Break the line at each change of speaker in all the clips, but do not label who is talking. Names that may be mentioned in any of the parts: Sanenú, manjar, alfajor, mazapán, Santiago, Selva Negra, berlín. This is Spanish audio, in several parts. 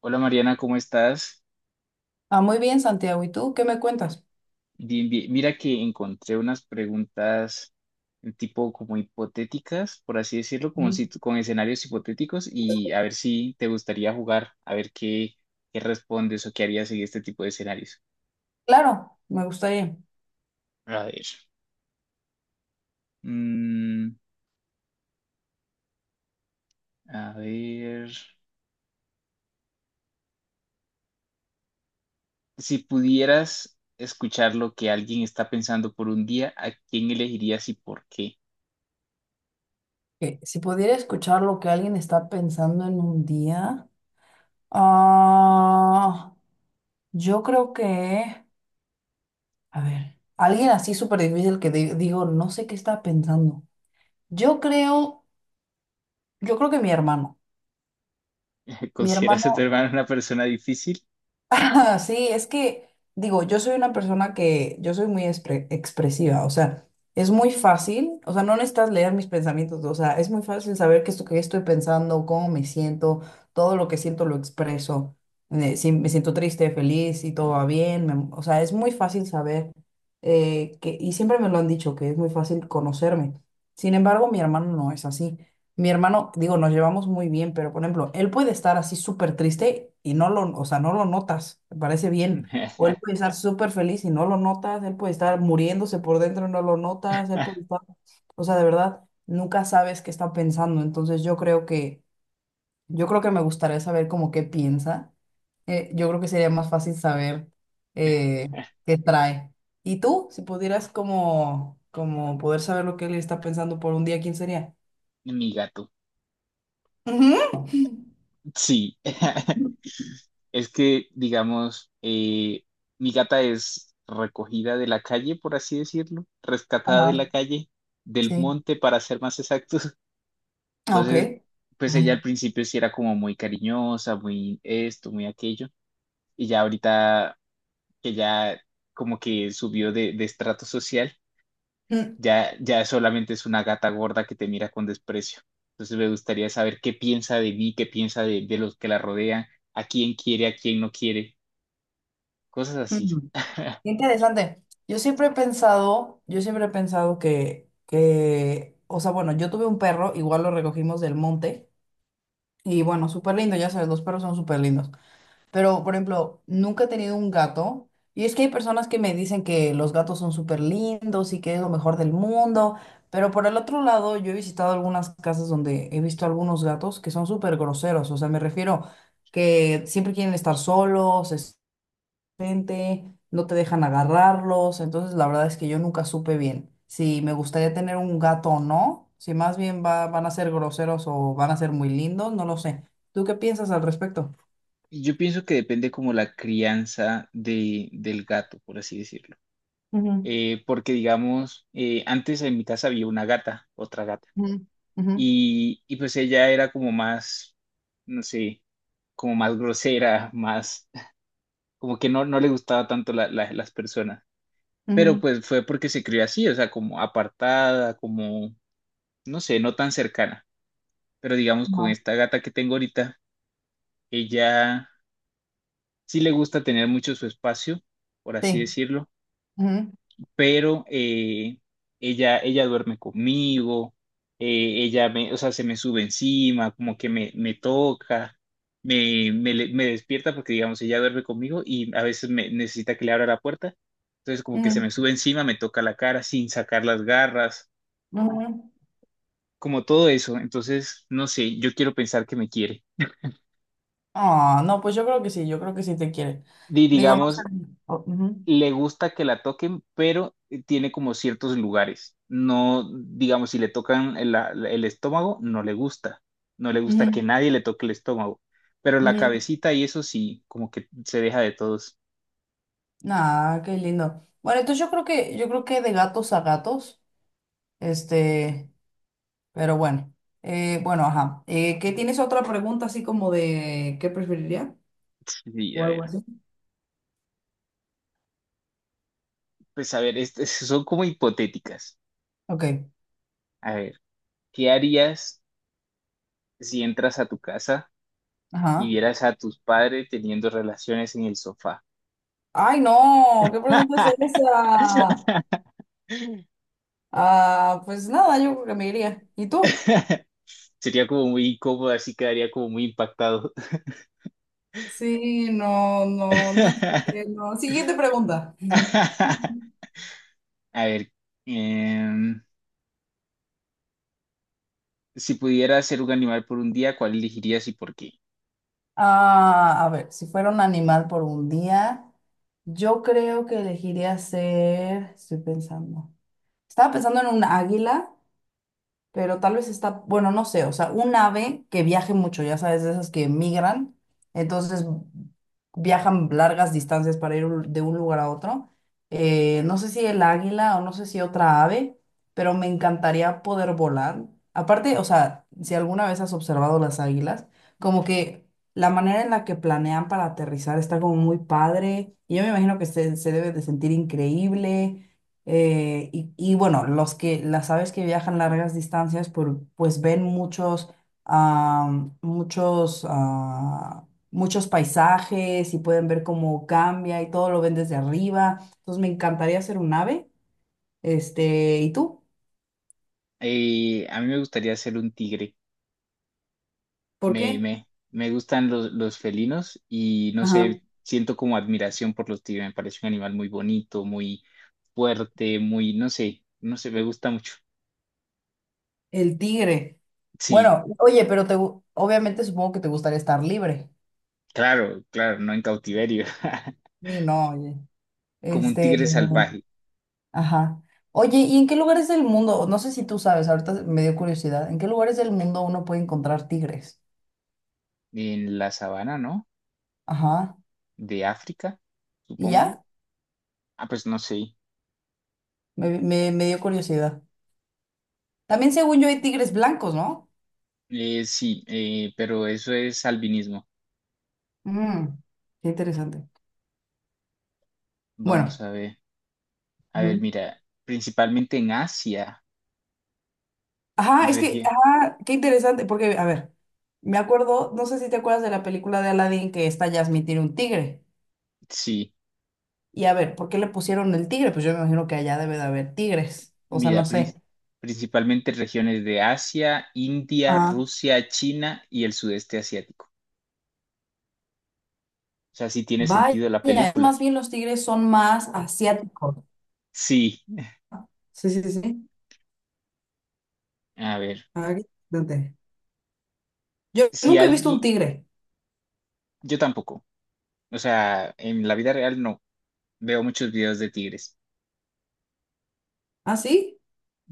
Hola Mariana, ¿cómo estás?
Muy bien, Santiago. ¿Y tú qué me cuentas?
Bien, bien. Mira que encontré unas preguntas tipo como hipotéticas, por así decirlo, como
Sí.
si, con escenarios hipotéticos y a ver si te gustaría jugar, a ver qué, qué respondes o qué harías en este tipo de escenarios.
Claro, me gustaría
A ver. mm, a ver. Si pudieras escuchar lo que alguien está pensando por un día, ¿a quién elegirías y por qué?
que si pudiera escuchar lo que alguien está pensando en un día, ah, yo creo que, a ver, alguien así súper difícil que digo, no sé qué está pensando. Yo creo, yo creo que mi hermano, mi
¿Consideras a tu
hermano.
hermano una persona difícil?
Sí, es que, digo, yo soy una persona que, yo soy muy expresiva, o sea, es muy fácil, o sea, no necesitas leer mis pensamientos, o sea, es muy fácil saber qué es lo que estoy pensando, cómo me siento, todo lo que siento lo expreso, si me siento triste, feliz, si todo va bien, o sea, es muy fácil saber, y siempre me lo han dicho, que es muy fácil conocerme. Sin embargo, mi hermano no es así. Mi hermano, digo, nos llevamos muy bien, pero por ejemplo, él puede estar así súper triste y o sea, no lo notas, me parece bien. O él puede estar súper feliz y no lo notas, él puede estar muriéndose por dentro y no lo notas, o sea, de verdad, nunca sabes qué está pensando. Yo creo que me gustaría saber como qué piensa. Yo creo que sería más fácil saber eh, qué trae. ¿Y tú, si pudieras como, como poder saber lo que él está pensando por un día, quién sería?
Mi gato.
Ujú.
Sí, es que, digamos, mi gata es recogida de la calle, por así decirlo, rescatada de
Ajá.
la calle, del
Sí.
monte, para ser más exactos.
Ah, ok.
Entonces, pues
Ujú.
ella al principio sí era como muy cariñosa, muy esto, muy aquello, y ya ahorita que ya como que subió de estrato social,
Mm,
ya, ya solamente es una gata gorda que te mira con desprecio. Entonces me gustaría saber qué piensa de mí, qué piensa de los que la rodean, a quién quiere, a quién no quiere, cosas
mm.
así.
Interesante. Yo siempre he pensado o sea, bueno, yo tuve un perro, igual lo recogimos del monte, y bueno, súper lindo, ya sabes, los perros son súper lindos. Pero, por ejemplo, nunca he tenido un gato. Y es que hay personas que me dicen que los gatos son súper lindos y que es lo mejor del mundo. Pero por el otro lado, yo he visitado algunas casas donde he visto algunos gatos que son súper groseros. O sea, me refiero que siempre quieren estar solos, es gente, no te dejan agarrarlos. Entonces, la verdad es que yo nunca supe bien si me gustaría tener un gato o no. Si más bien van a ser groseros o van a ser muy lindos, no lo sé. ¿Tú qué piensas al respecto?
Yo pienso que depende como la crianza de, del gato, por así decirlo.
Ujú.
Porque digamos, antes en mi casa había una gata, otra gata,
Ujú, ujú,
y pues ella era como más, no sé, como más grosera, más, como que no, no le gustaba tanto las personas. Pero
ujú.
pues fue porque se crió así, o sea, como apartada, como, no sé, no tan cercana. Pero digamos, con
No,
esta gata que tengo ahorita, ella sí le gusta tener mucho su espacio, por así
Sí.
decirlo,
ujú,
pero ella duerme conmigo, ella me, o sea, se me sube encima, como que me toca, me despierta porque, digamos, ella duerme conmigo y a veces me necesita que le abra la puerta. Entonces, como que se me
ujú,
sube encima, me toca la cara sin sacar las garras,
ujú.
como todo eso. Entonces, no sé, yo quiero pensar que me quiere.
Ah, no, pues yo creo que sí, yo creo que sí te quiere.
Y
Digo, no sé.
digamos,
Ujú,
le gusta que la toquen, pero tiene como ciertos lugares. No, digamos, si le tocan el estómago, no le gusta. No le gusta que
ujú,
nadie le toque el estómago. Pero la
ujú.
cabecita y eso sí, como que se deja de todos.
Nah, qué lindo. Bueno, yo creo que de gatos a gatos, este, pero bueno. Bueno, ajá. ¿Qué tienes otra pregunta así como de qué preferiría?
Sí, a
O
ver.
algo así.
Pues a ver, estas son como hipotéticas.
Ok,
A ver, ¿qué harías si entras a tu casa y
ajá.
vieras a tus padres teniendo relaciones en el sofá?
Ay, no, ¿qué pregunta es esa? Ah, pues nada, yo creo que me iría. ¿Y tú?
Sería como muy incómodo, así quedaría como muy impactado.
Sí, no sé, no. Siguiente pregunta.
A ver, em, si pudiera ser un animal por un día, ¿cuál elegirías y por qué?
Ah, a ver, si fuera un animal por un día, yo creo que estoy pensando, estaba pensando en un águila, pero tal vez está, bueno, no sé, o sea, un ave que viaje mucho, ya sabes, de esas que migran, entonces viajan largas distancias para ir de un lugar a otro. No sé si el águila o no sé si otra ave, pero me encantaría poder volar. Aparte, o sea, si alguna vez has observado las águilas, como que la manera en la que planean para aterrizar está como muy padre, y yo me imagino que se debe de sentir increíble. Y bueno, las aves que viajan largas distancias, pues ven muchos, muchos paisajes y pueden ver cómo cambia y todo lo ven desde arriba. Entonces me encantaría ser un ave. Este, ¿y tú?
A mí me gustaría ser un tigre.
¿Por qué?
Me gustan los felinos y no
Ajá,
sé, siento como admiración por los tigres. Me parece un animal muy bonito, muy fuerte, muy, no sé, no sé, me gusta mucho.
el tigre.
Sí,
Bueno, oye, obviamente supongo que te gustaría estar libre.
claro, claro, no en cautiverio.
Sí, no, oye.
Como un
Este,
tigre salvaje
Ajá. Oye, ¿y en qué lugares del mundo? No sé si tú sabes, ahorita me dio curiosidad. ¿En qué lugares del mundo uno puede encontrar tigres?
en la sabana, ¿no?
Ajá.
De África,
¿Y
supongo.
ya?
Ah, pues no sé.
Me dio curiosidad. También según yo hay tigres blancos, ¿no?
Sí, pero eso es albinismo.
Mm, qué interesante.
Vamos
Bueno.
a ver. A ver,
Ujú.
mira, principalmente en Asia, en
Ajá, es que,
región.
ajá, qué interesante, porque, a ver, me acuerdo, no sé si te acuerdas de la película de Aladdin que esta Jasmine tiene un tigre.
Sí,
Y a ver, ¿por qué le pusieron el tigre? Pues yo me imagino que allá debe de haber tigres. O sea, no
mira,
sé.
principalmente regiones de Asia, India, Rusia, China y el sudeste asiático. O sea, sí tiene
Vaya,
sentido la película.
más bien los tigres son más asiáticos.
Sí,
Sí, sí, sí.
a ver,
Ah, qué interesante. Yo
si
nunca he visto
alguien,
un tigre.
yo tampoco. O sea, en la vida real no. Veo muchos videos de tigres.
¿Ah, sí?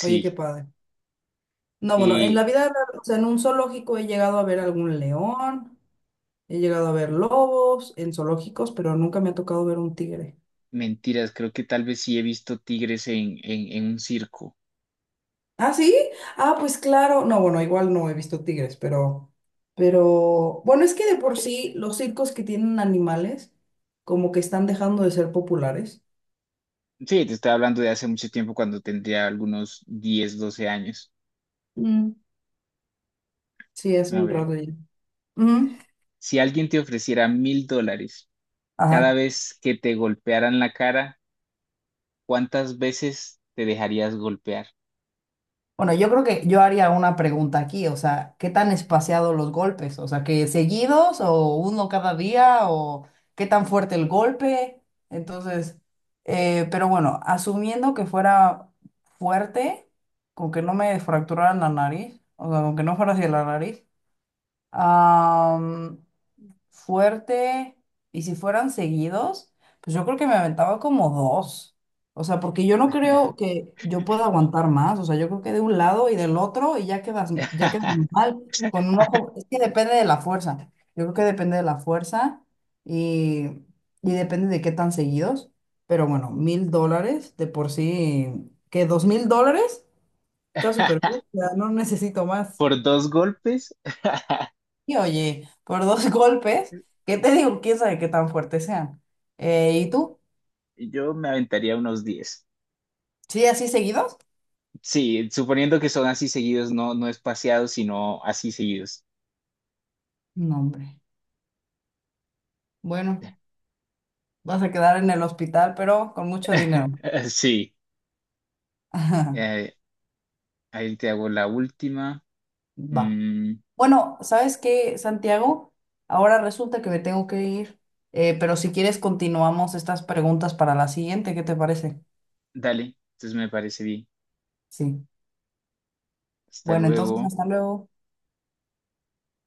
Oye, qué
Sí,
padre. No, bueno,
eh,
o sea, en un zoológico he llegado a ver algún león, he llegado a ver lobos en zoológicos, pero nunca me ha tocado ver un tigre.
mentiras, creo que tal vez sí he visto tigres en, en un circo.
¿Ah, sí? Ah, pues claro. No, bueno, igual no he visto tigres, pero, bueno, es que de por sí los circos que tienen animales como que están dejando de ser populares.
Sí, te estoy hablando de hace mucho tiempo cuando tendría algunos 10, 12 años.
Mm. Sí, es
A
un
ver,
rato ya. Ujú.
si alguien te ofreciera $1.000 cada
Ajá.
vez que te golpearan la cara, ¿cuántas veces te dejarías golpear?
Bueno, yo creo que yo haría una pregunta aquí, o sea, ¿qué tan espaciados los golpes? O sea, ¿que seguidos o uno cada día o qué tan fuerte el golpe? Entonces, pero bueno, asumiendo que fuera fuerte, con que no me fracturara la nariz, o sea, con que no fuera hacia la nariz, fuerte y si fueran seguidos, pues yo creo que me aventaba como dos. O sea, porque yo no creo que yo pueda aguantar más. O sea, yo creo que de un lado y del otro y ya quedas mal con un ojo. Es que depende de la fuerza. Yo creo que depende de la fuerza y, y depende de qué tan seguidos. Pero bueno, $1,000 de por sí, que $2,000 está súper bien. O sea, no necesito más.
¿Por 2 golpes?
Y oye, por dos golpes, ¿qué te digo? ¿Quién sabe qué tan fuertes sean? ¿Y tú?
Yo me aventaría unos 10.
¿Sí, así seguidos?
Sí, suponiendo que son así seguidos, no, no espaciados, sino así seguidos.
No, hombre. Bueno, vas a quedar en el hospital, pero con mucho dinero.
Sí,
Ajá,
eh, ahí te hago la última.
Va.
Mm,
Bueno, ¿sabes qué, Santiago? Ahora resulta que me tengo que ir, pero si quieres continuamos estas preguntas para la siguiente, ¿qué te parece?
dale, entonces me parece bien.
Sí.
Hasta
Bueno, entonces
luego.
hasta luego.